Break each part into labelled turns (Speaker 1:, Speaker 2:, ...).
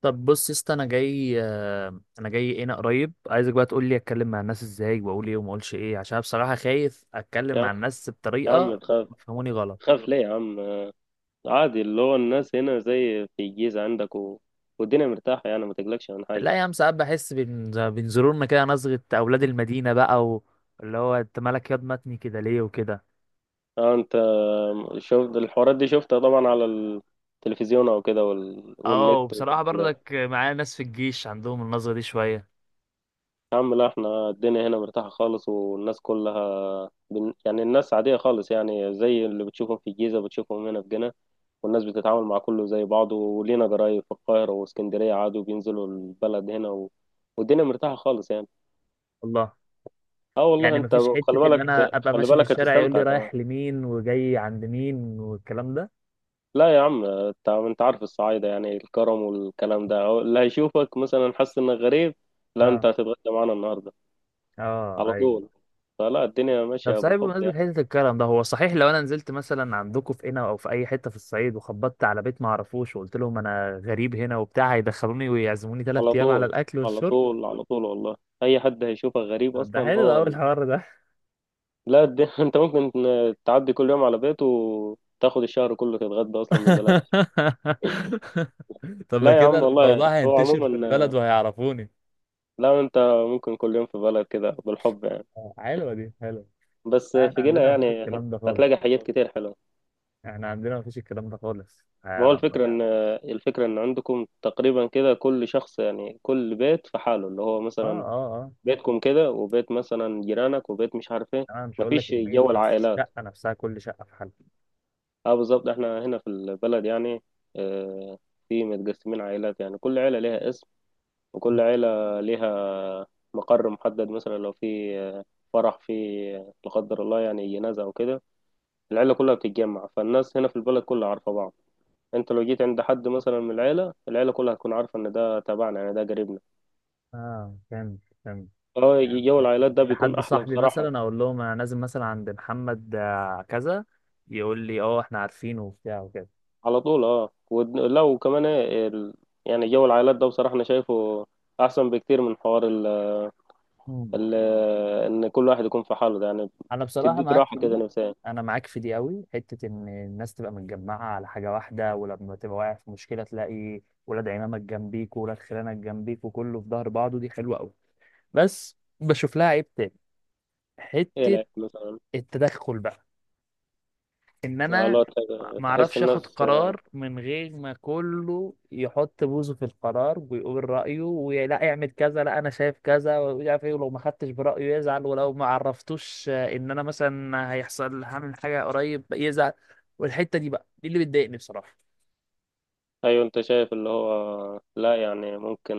Speaker 1: طب بص يا اسطى، انا جاي انا جاي هنا قريب. عايزك بقى تقول لي اتكلم مع الناس ازاي، واقول ايه وما اقولش ايه، عشان أنا بصراحه خايف اتكلم مع
Speaker 2: يا
Speaker 1: الناس
Speaker 2: يا عم،
Speaker 1: بطريقه
Speaker 2: تخاف
Speaker 1: يفهموني غلط.
Speaker 2: تخاف ليه يا عم؟ عادي، اللي هو الناس هنا زي في الجيزة عندك والدنيا مرتاحة، يعني ما تقلقش من حاجة.
Speaker 1: لا يا عم، ساعات بحس بينظرونا كده نظره اولاد المدينه بقى. اللي هو انت مالك ياض متني كده ليه؟ وكده.
Speaker 2: اه انت شفت الحوارات دي، شفتها طبعا على التلفزيون او كده
Speaker 1: اه،
Speaker 2: والنت
Speaker 1: وبصراحه
Speaker 2: والكلام ده.
Speaker 1: برضك معايا ناس في الجيش عندهم النظره دي شويه.
Speaker 2: يا عم لا، احنا الدنيا هنا مرتاحة خالص، والناس كلها يعني الناس عادية خالص، يعني زي اللي بتشوفهم في الجيزة بتشوفهم هنا في جنة. والناس بتتعامل مع كله زي بعضه، ولينا قرايب في القاهرة واسكندرية عادي، وبينزلوا البلد هنا والدنيا مرتاحة خالص يعني.
Speaker 1: والله؟
Speaker 2: اه والله.
Speaker 1: يعني
Speaker 2: انت
Speaker 1: مفيش
Speaker 2: خلي
Speaker 1: حته ان انا
Speaker 2: بالك،
Speaker 1: ابقى
Speaker 2: خلي
Speaker 1: ماشي في
Speaker 2: بالك
Speaker 1: الشارع يقول لي
Speaker 2: هتستمتع كمان.
Speaker 1: رايح لمين وجاي عند مين والكلام ده؟
Speaker 2: لا يا عم، انت عارف الصعايده، يعني الكرم والكلام ده، أو اللي هيشوفك مثلا حس انك غريب. لا،
Speaker 1: اه
Speaker 2: انت هتتغدى معانا النهارده
Speaker 1: اه
Speaker 2: على
Speaker 1: ايوه.
Speaker 2: طول. فلا، الدنيا
Speaker 1: طب
Speaker 2: ماشيه
Speaker 1: صحيح،
Speaker 2: بالحب
Speaker 1: بمناسبة
Speaker 2: يعني.
Speaker 1: حتة الكرم ده، هو صحيح لو أنا نزلت مثلا عندكم في قنا أو في أي حتة في الصعيد، وخبطت على بيت ما أعرفوش، وقلت لهم أنا غريب هنا وبتاع، هيدخلوني ويعزموني تلات
Speaker 2: على
Speaker 1: أيام على
Speaker 2: طول،
Speaker 1: الأكل
Speaker 2: على
Speaker 1: والشرب؟
Speaker 2: طول، على طول والله. اي حد هيشوفك غريب
Speaker 1: طب ده
Speaker 2: اصلا
Speaker 1: حلو
Speaker 2: هو
Speaker 1: أوي الحوار ده.
Speaker 2: لا انت ممكن تعدي كل يوم على بيته، وتاخد الشهر كله تتغدى اصلا ببلاش.
Speaker 1: طب ما
Speaker 2: لا يا
Speaker 1: كده
Speaker 2: عم
Speaker 1: الموضوع
Speaker 2: والله، هو
Speaker 1: هينتشر في البلد
Speaker 2: عموما.
Speaker 1: وهيعرفوني.
Speaker 2: لا انت، ممكن كل يوم في بلد كده بالحب يعني.
Speaker 1: حلوة دي، حلوة.
Speaker 2: بس
Speaker 1: احنا
Speaker 2: في جنة
Speaker 1: عندنا مفيش
Speaker 2: يعني
Speaker 1: الكلام ده خالص.
Speaker 2: هتلاقي حاجات كتير حلوة.
Speaker 1: احنا عندنا مفيش الكلام ده خالص.
Speaker 2: ما
Speaker 1: يا
Speaker 2: هو
Speaker 1: رب.
Speaker 2: الفكرة إن، الفكرة إن عندكم تقريبا كده كل شخص، يعني كل بيت في حاله، اللي هو
Speaker 1: اه
Speaker 2: مثلا
Speaker 1: اه اه.
Speaker 2: بيتكم كده، وبيت مثلا جيرانك، وبيت مش عارف إيه.
Speaker 1: انا مش هقول لك
Speaker 2: مفيش
Speaker 1: البيت،
Speaker 2: جو
Speaker 1: بس
Speaker 2: العائلات.
Speaker 1: الشقة نفسها، كل شقة في حالها.
Speaker 2: أه بالظبط، إحنا هنا في البلد يعني آه، في متقسمين عائلات، يعني كل عيلة ليها اسم، وكل عيلة ليها مقر محدد. مثلا لو في فرح، في لا قدر الله يعني جنازة أو كده، العيلة كلها بتتجمع. فالناس هنا في البلد كلها عارفة بعض. انت لو جيت عند حد مثلا من العيله، العيله كلها هتكون عارفه ان ده تبعنا، يعني ده قريبنا.
Speaker 1: اه، كمل كمل.
Speaker 2: اه، جو العائلات
Speaker 1: ممكن
Speaker 2: ده بيكون
Speaker 1: لحد
Speaker 2: احلى
Speaker 1: صاحبي
Speaker 2: بصراحه.
Speaker 1: مثلا اقول لهم انا نازل مثلا عند محمد كذا، يقول لي اه احنا عارفينه وبتاع وكده.
Speaker 2: على طول. اه ولو كمان ايه يعني جو العائلات ده بصراحه انا شايفه احسن بكتير من حوار
Speaker 1: مم.
Speaker 2: ال... ان كل واحد يكون في حاله، ده يعني
Speaker 1: انا بصراحه
Speaker 2: بتديك
Speaker 1: معاك
Speaker 2: راحه
Speaker 1: في
Speaker 2: كده
Speaker 1: دي.
Speaker 2: نفسيا.
Speaker 1: انا معاك في دي قوي، حته ان الناس تبقى متجمعه على حاجه واحده، ولما تبقى واقع في مشكله تلاقي ولاد عمامك جنبيك وولاد خلانك جنبيك وكله في ظهر بعضه، دي حلوه قوي. بس بشوف لها عيب تاني،
Speaker 2: ايه؟
Speaker 1: حته
Speaker 2: لا مثلا.
Speaker 1: التدخل بقى. ان
Speaker 2: لا
Speaker 1: انا
Speaker 2: لا،
Speaker 1: ما
Speaker 2: تحس
Speaker 1: اعرفش اخد
Speaker 2: الناس.
Speaker 1: قرار من غير ما كله يحط بوزه في القرار ويقول رايه، ولا اعمل كذا، لا انا شايف كذا ومش عارف ايه، ولو ما خدتش برايه يزعل، ولو ما عرفتوش ان انا مثلا هيحصل هعمل حاجه قريب يزعل. والحته دي بقى دي اللي بتضايقني بصراحه.
Speaker 2: ايوه، انت شايف اللي هو لا، يعني ممكن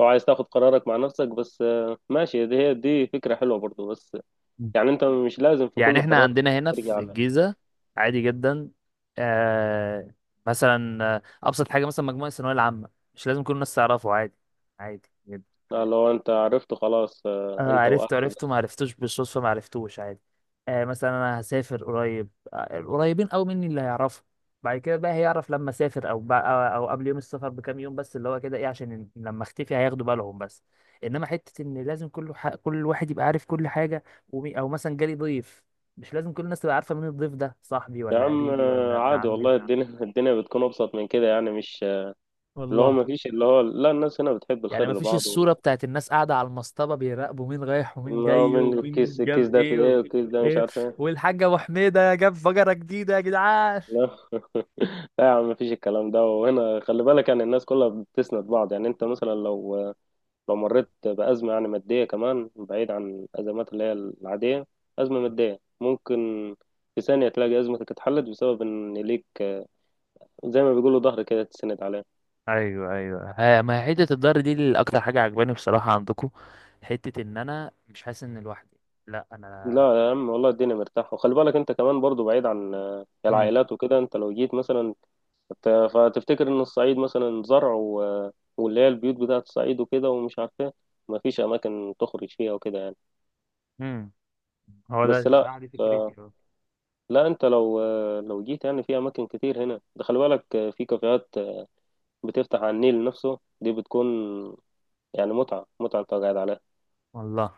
Speaker 2: لو عايز تاخد قرارك مع نفسك بس. ماشي، دي هي دي فكرة حلوة برضو. بس
Speaker 1: مم.
Speaker 2: يعني انت مش لازم في
Speaker 1: يعني
Speaker 2: كل
Speaker 1: احنا
Speaker 2: قرار
Speaker 1: عندنا هنا
Speaker 2: ترجع
Speaker 1: في
Speaker 2: على.
Speaker 1: الجيزه عادي جدا. آه، مثلا ابسط حاجه، مثلا مجموعه الثانويه العامه، مش لازم كل الناس تعرفه، عادي. عادي.
Speaker 2: لو انت عرفت خلاص،
Speaker 1: اه،
Speaker 2: انت
Speaker 1: عرفته
Speaker 2: واهلك
Speaker 1: عرفته، ما
Speaker 2: بس.
Speaker 1: عرفتوش بالصدفة، ما عرفتوش، عادي. آه، مثلا انا هسافر قريب، القريبين قوي مني اللي هيعرفوا. بعد كده بقى هيعرف لما اسافر، او أو قبل يوم السفر بكام يوم بس، اللي هو كده ايه، عشان لما اختفي هياخدوا بالهم بس. انما حتة ان لازم كل واحد يبقى عارف كل حاجة. او مثلا جالي ضيف، مش لازم كل الناس تبقى عارفة مين الضيف ده، صاحبي
Speaker 2: يا
Speaker 1: ولا
Speaker 2: عم
Speaker 1: قريبي ولا ابن
Speaker 2: عادي
Speaker 1: عمي.
Speaker 2: والله، الدنيا الدنيا بتكون ابسط من كده يعني، مش اللي هو
Speaker 1: والله.
Speaker 2: ما فيش اللي هو، لا الناس هنا بتحب
Speaker 1: يعني
Speaker 2: الخير
Speaker 1: مفيش
Speaker 2: لبعض و...
Speaker 1: الصورة بتاعت الناس قاعدة على المصطبة بيراقبوا مين رايح ومين
Speaker 2: آه،
Speaker 1: جاي
Speaker 2: من الكيس،
Speaker 1: ومين جاب
Speaker 2: الكيس ده في
Speaker 1: ايه
Speaker 2: ايه،
Speaker 1: و...
Speaker 2: والكيس ده مش
Speaker 1: ايه،
Speaker 2: عارف ايه.
Speaker 1: والحاجة ابو حميدة جاب بقرة جديدة يا جدعان.
Speaker 2: لا لا يا عم، مفيش الكلام ده. وهنا خلي بالك، يعني الناس كلها بتسند بعض. يعني انت مثلا لو مريت بأزمة، يعني مادية، كمان بعيد عن الأزمات اللي هي العادية، أزمة مادية ممكن في ثانية تلاقي أزمتك اتحلت بسبب إن ليك زي ما بيقولوا ظهر كده تسند عليه.
Speaker 1: ايوه ايوه. ها، ما هي حته الضهر دي اللي اكتر حاجه عجباني بصراحه عندكم. حته ان انا مش حاسس ان لوحدي، لا
Speaker 2: لا
Speaker 1: انا.
Speaker 2: يا عم والله، الدنيا مرتاحة. وخلي بالك أنت كمان برضو، بعيد عن
Speaker 1: امم
Speaker 2: العائلات وكده، أنت لو جيت مثلا ت- فتفتكر إن الصعيد مثلا زرع و... آه، واللي هي البيوت بتاعة الصعيد وكده، ومش عارف إيه، مفيش أماكن تخرج فيها وكده يعني.
Speaker 1: امم هو ده
Speaker 2: بس لا،
Speaker 1: بصراحه، دي فكرتي، اه.
Speaker 2: لا انت لو، لو جيت يعني، في اماكن كتير هنا، ده خلي بالك. في كافيهات بتفتح على النيل نفسه، دي بتكون يعني متعة، متعة انت قاعد عليها.
Speaker 1: والله،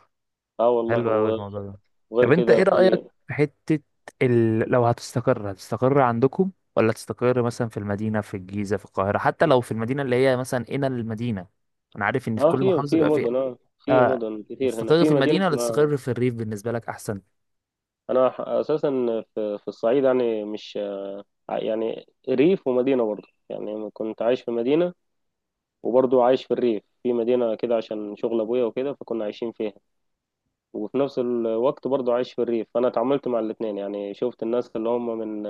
Speaker 2: اه والله.
Speaker 1: حلو قوي الموضوع ده.
Speaker 2: وغير
Speaker 1: طب انت
Speaker 2: كده
Speaker 1: ايه
Speaker 2: في
Speaker 1: رأيك في حتة لو هتستقر، هتستقر عندكم، ولا تستقر مثلا في المدينة، في الجيزة، في القاهرة، حتى لو في المدينة اللي هي مثلا هنا المدينة؟ انا عارف ان في
Speaker 2: اه،
Speaker 1: كل
Speaker 2: في
Speaker 1: محافظة
Speaker 2: في
Speaker 1: بيبقى فيها
Speaker 2: مدن اه، في
Speaker 1: آه...
Speaker 2: مدن كتير هنا،
Speaker 1: تستقر في
Speaker 2: في مدينة
Speaker 1: المدينة ولا
Speaker 2: اسمها.
Speaker 1: تستقر في الريف بالنسبة لك احسن؟
Speaker 2: انا اساسا في الصعيد يعني، مش يعني ريف ومدينة برضه، يعني كنت عايش في مدينة وبرضه عايش في الريف، في مدينة كده عشان شغل ابويا وكده، فكنا عايشين فيها. وفي نفس الوقت برضه عايش في الريف، فانا اتعاملت مع الاثنين يعني. شفت الناس اللي هم من،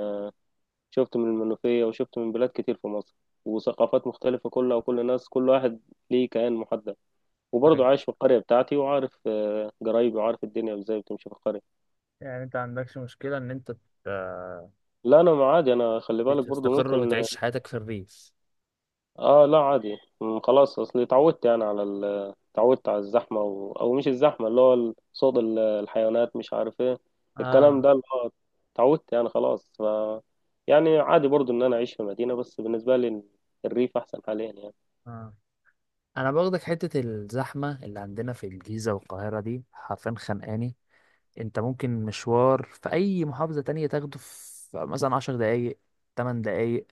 Speaker 2: شفت من المنوفية وشفت من بلاد كتير في مصر، وثقافات مختلفة كلها، وكل الناس كل واحد ليه كيان محدد. وبرضه
Speaker 1: طيب.
Speaker 2: عايش في القرية بتاعتي، وعارف قرايبي، وعارف الدنيا ازاي بتمشي في القرية.
Speaker 1: يعني انت عندكش مشكلة ان انت ت-
Speaker 2: لا انا، ما عادي انا، خلي بالك برضه
Speaker 1: تستقر
Speaker 2: ممكن.
Speaker 1: وتعيش حياتك في الريف؟
Speaker 2: اه لا عادي، خلاص. اصلي اتعودت يعني على اتعودت على الزحمة او مش الزحمة، اللي هو صوت الحيوانات، مش عارف ايه،
Speaker 1: اه
Speaker 2: الكلام ده اللي هو، اتعودت يعني خلاص. يعني عادي برضو ان انا اعيش في مدينة، بس بالنسبة لي الريف احسن حاليا يعني.
Speaker 1: اه. انا باخدك حتة الزحمة اللي عندنا في الجيزة والقاهرة دي حرفيا خانقاني. انت ممكن مشوار في اي محافظة تانية تاخده في مثلا 10 دقايق، 8 دقايق،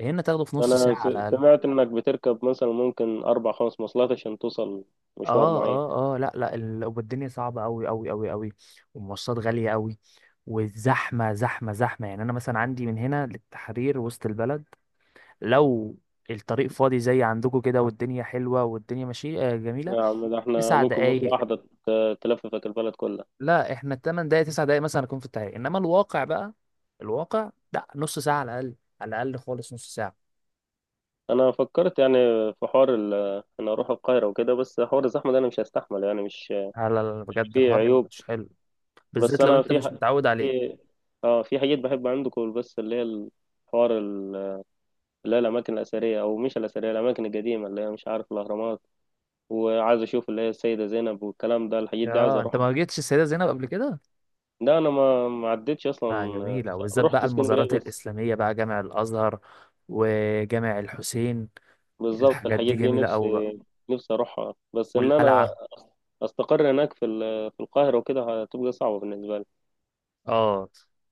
Speaker 1: هنا تاخده في نص
Speaker 2: انا
Speaker 1: ساعة على الأقل.
Speaker 2: سمعت انك بتركب مثلا، ممكن اربع خمس مواصلات عشان توصل مشوار
Speaker 1: اه
Speaker 2: معين.
Speaker 1: اه اه، لا لا، والدنيا صعبة أوي أوي أوي أوي، والمواصلات غالية أوي، والزحمة زحمة زحمة. يعني أنا مثلا عندي من هنا للتحرير، وسط البلد، لو الطريق فاضي زي عندكم كده والدنيا حلوة والدنيا ماشية جميلة،
Speaker 2: يا عم ده احنا
Speaker 1: تسع
Speaker 2: ممكن مواصلة
Speaker 1: دقايق
Speaker 2: واحدة تلففك البلد كلها.
Speaker 1: لا، احنا ال 8 دقايق 9 دقايق مثلا أكون في الطريق، إنما الواقع بقى، الواقع لا، نص ساعة على الأقل. على الأقل خالص نص ساعة.
Speaker 2: انا فكرت يعني في حوار ان اروح القاهره وكده، بس حوار الزحمه ده انا مش هستحمل يعني، مش.
Speaker 1: لا لا لا، بجد
Speaker 2: في
Speaker 1: حوار
Speaker 2: عيوب.
Speaker 1: مش حلو،
Speaker 2: بس
Speaker 1: بالذات لو
Speaker 2: انا
Speaker 1: انت
Speaker 2: في
Speaker 1: مش متعود عليه.
Speaker 2: في اه، في حاجات بحب عندكم، بس اللي هي الحوار اللي هي الاماكن الاثريه، او مش الاثريه، الاماكن القديمه اللي هي مش عارف، الاهرامات، وعايز اشوف اللي هي السيده زينب والكلام ده، الحاجات دي عايز
Speaker 1: يا انت
Speaker 2: اروحها.
Speaker 1: ما جيتش السيدة زينب قبل كده؟
Speaker 2: ده انا، ما ما عدتش اصلا.
Speaker 1: اه، جميلة، وبالذات
Speaker 2: رحت
Speaker 1: بقى المزارات
Speaker 2: اسكندريه بس.
Speaker 1: الإسلامية بقى، جامع الأزهر وجامع الحسين.
Speaker 2: بالظبط
Speaker 1: الحاجات دي
Speaker 2: الحاجات دي
Speaker 1: جميلة
Speaker 2: نفسي،
Speaker 1: أوي بقى،
Speaker 2: نفسي اروحها. بس ان انا
Speaker 1: والقلعة.
Speaker 2: استقر هناك في في القاهره وكده، هتبقى صعبه بالنسبه لي.
Speaker 1: اه،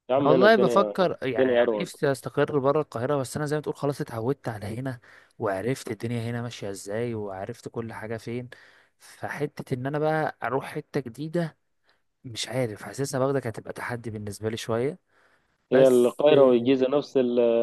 Speaker 2: يا
Speaker 1: انا
Speaker 2: عم هنا
Speaker 1: والله
Speaker 2: الدنيا،
Speaker 1: بفكر يعني,
Speaker 2: الدنيا
Speaker 1: يعني
Speaker 2: اروق.
Speaker 1: نفسي استقر بره القاهرة، بس انا زي ما تقول خلاص اتعودت على هنا، وعرفت الدنيا هنا ماشية ازاي، وعرفت كل حاجة فين. فحتة ان انا بقى اروح حتة جديدة، مش عارف، حاسسها باخدك هتبقى تحدي بالنسبة لي شوية.
Speaker 2: هي
Speaker 1: بس
Speaker 2: القاهرة والجيزة نفس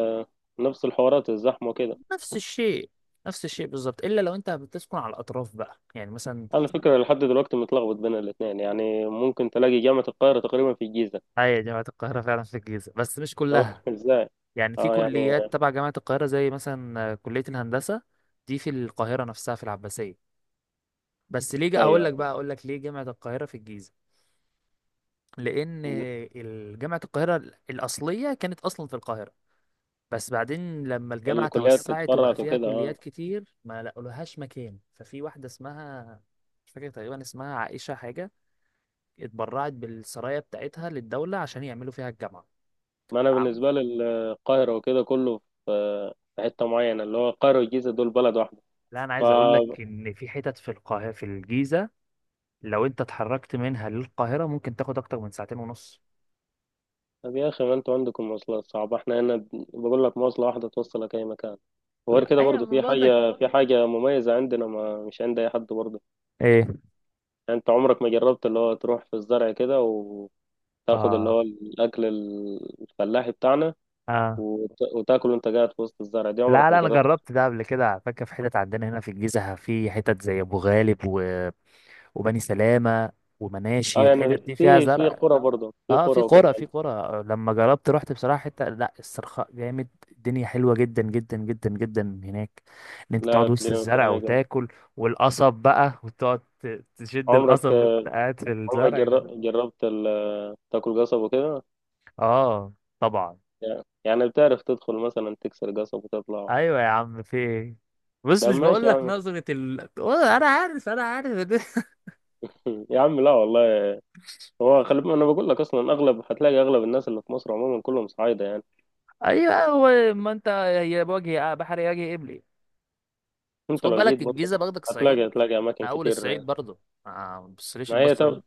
Speaker 2: نفس الحوارات، الزحمة وكده.
Speaker 1: نفس الشيء. نفس الشيء بالظبط، الا لو انت بتسكن على الاطراف بقى، يعني مثلا.
Speaker 2: على فكرة لحد دلوقتي متلخبط بين الاتنين، يعني ممكن تلاقي جامعة القاهرة تقريبا في الجيزة.
Speaker 1: هي جامعه القاهره فعلا في الجيزه، بس مش
Speaker 2: أه،
Speaker 1: كلها.
Speaker 2: ازاي؟
Speaker 1: يعني في
Speaker 2: اه يعني.
Speaker 1: كليات تبع جامعه القاهره زي مثلا كليه الهندسه، دي في القاهره نفسها في العباسيه. بس ليه، هقول لك
Speaker 2: ايوه،
Speaker 1: بقى، اقول لك ليه جامعه القاهره في الجيزه. لان جامعه القاهره الاصليه كانت اصلا في القاهره، بس بعدين لما الجامعه
Speaker 2: الكليات
Speaker 1: توسعت وبقى
Speaker 2: اتفرعت
Speaker 1: فيها
Speaker 2: وكده، اه.
Speaker 1: كليات كتير، ما لقولهاش مكان، ففي واحده اسمها، مش فاكر تقريبا اسمها عائشه حاجه، اتبرعت بالسرايا بتاعتها للدولة عشان يعملوا فيها الجامعة.
Speaker 2: ما انا
Speaker 1: نعم.
Speaker 2: بالنسبة لي القاهرة وكده كله في، في حتة معينة، اللي هو القاهرة والجيزة دول بلد واحدة.
Speaker 1: لا، انا عايز اقول لك ان في حتت في القاهره في الجيزه، لو انت اتحركت منها للقاهره ممكن تاخد اكتر من ساعتين ونص.
Speaker 2: طب يا أخي، ما أنتوا عندكم مواصلات صعبة، إحنا هنا بقول لك، مواصلة واحدة توصلك أي مكان. وغير
Speaker 1: لا،
Speaker 2: كده
Speaker 1: أيوة،
Speaker 2: برضه
Speaker 1: ما
Speaker 2: في
Speaker 1: برضك.
Speaker 2: حاجة، في حاجة مميزة عندنا، ما مش عند أي حد برضه.
Speaker 1: ايه؟
Speaker 2: يعني أنت عمرك ما جربت اللي هو تروح في الزرع كده، وتاخد اللي
Speaker 1: اه
Speaker 2: هو الأكل الفلاحي بتاعنا،
Speaker 1: اه،
Speaker 2: وتاكله أنت قاعد في وسط الزرع، دي
Speaker 1: لا
Speaker 2: عمرك ما
Speaker 1: لا، انا
Speaker 2: جربت.
Speaker 1: جربت ده قبل كده. على فكره في حتت عندنا هنا في الجيزه، في حتت زي ابو غالب، وبني سلامه، ومناشي،
Speaker 2: أه
Speaker 1: الحتت
Speaker 2: يعني،
Speaker 1: دي فيها
Speaker 2: في في
Speaker 1: زرع.
Speaker 2: قرى برضه، في
Speaker 1: اه، في
Speaker 2: قرى وكده
Speaker 1: قرى، في
Speaker 2: يعني.
Speaker 1: قرى. لما جربت رحت بصراحه حته، لا، الصرخاء جامد، الدنيا حلوه جدا جدا جدا جدا هناك. ان انت
Speaker 2: لا
Speaker 1: تقعد وسط
Speaker 2: الدنيا مش
Speaker 1: الزرع
Speaker 2: رايقة.
Speaker 1: وتاكل، والقصب بقى. وتقعد تشد
Speaker 2: عمرك،
Speaker 1: القصب وانت قاعد في
Speaker 2: عمرك
Speaker 1: الزرع ده.
Speaker 2: جربت تاكل قصب وكده
Speaker 1: اه طبعا.
Speaker 2: يعني، بتعرف تدخل مثلا تكسر قصب وتطلع؟
Speaker 1: ايوه يا عم، في ايه؟ بص،
Speaker 2: لا
Speaker 1: مش
Speaker 2: ماشي
Speaker 1: بقول
Speaker 2: يا
Speaker 1: لك
Speaker 2: عم.
Speaker 1: نظره والله انا عارف، انا عارف.
Speaker 2: يا عم لا والله. هو خلي بالك، انا بقول لك اصلا اغلب، هتلاقي اغلب الناس اللي في مصر عموما كلهم صعايده يعني.
Speaker 1: ايوه، هو ما انت، هي بوجه بحر يجي قبلي، بس
Speaker 2: انت
Speaker 1: خد
Speaker 2: لو جيت
Speaker 1: بالك
Speaker 2: برضه
Speaker 1: الجيزه باخدك الصعيد،
Speaker 2: هتلاقي اماكن
Speaker 1: انا اول
Speaker 2: كتير.
Speaker 1: الصعيد برضه. آه، ما بصليش
Speaker 2: ما هي
Speaker 1: البصه دي.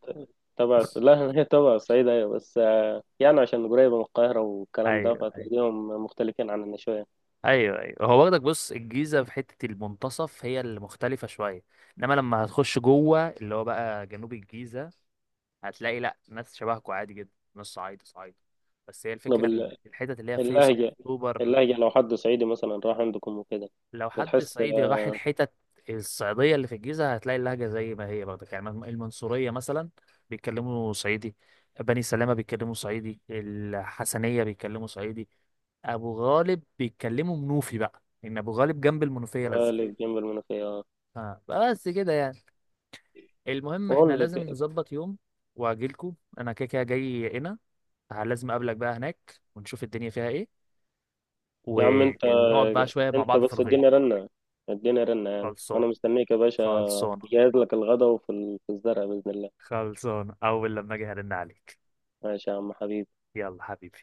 Speaker 2: تبع لا هي تبع الصعيد ايوه، بس يعني عشان قريبه من القاهره والكلام ده،
Speaker 1: ايوه أيوة.
Speaker 2: فهتلاقيهم مختلفين عننا شويه.
Speaker 1: ايوه ايوه، هو واخدك، بص الجيزه في حته المنتصف هي اللي مختلفه شويه، انما لما هتخش جوه اللي هو بقى جنوب الجيزه هتلاقي، لا، ناس شبهكوا عادي جدا، ناس صعايده صعايده. بس هي
Speaker 2: طب
Speaker 1: الفكره ان الحتت اللي هي فيصل
Speaker 2: اللهجه،
Speaker 1: اكتوبر.
Speaker 2: اللهجه لو حد صعيدي مثلا راح عندكم وكده
Speaker 1: لو حد
Speaker 2: بتحس.
Speaker 1: صعيدي راح الحتت الصعيديه اللي في الجيزه هتلاقي اللهجه زي ما هي برضه. يعني المنصوريه مثلا بيتكلموا صعيدي، بني سلامه بيتكلموا صعيدي، الحسنيه بيتكلموا صعيدي، ابو غالب بيتكلموا منوفي، بقى ان ابو غالب جنب المنوفيه لازقه.
Speaker 2: قالب جنب المنوفيه آه.
Speaker 1: اه، بس كده يعني. المهم احنا
Speaker 2: بقول
Speaker 1: لازم
Speaker 2: لك،
Speaker 1: نظبط يوم واجيلكوا، انا كده كده جاي هنا، لازم اقابلك بقى هناك ونشوف الدنيا فيها ايه،
Speaker 2: يا عم انت
Speaker 1: ونقعد بقى شوية مع
Speaker 2: انت
Speaker 1: بعض في
Speaker 2: بس
Speaker 1: الغيط.
Speaker 2: اديني رنه، اديني رنه يعني،
Speaker 1: خلصانة.
Speaker 2: وانا مستنيك يا باشا.
Speaker 1: خلصانة.
Speaker 2: جهز لك الغدا، وفي في الزرع بإذن الله.
Speaker 1: خلصانة، اول لما اجي هرن عليك.
Speaker 2: ماشي يا عم حبيبي.
Speaker 1: يلا حبيبي.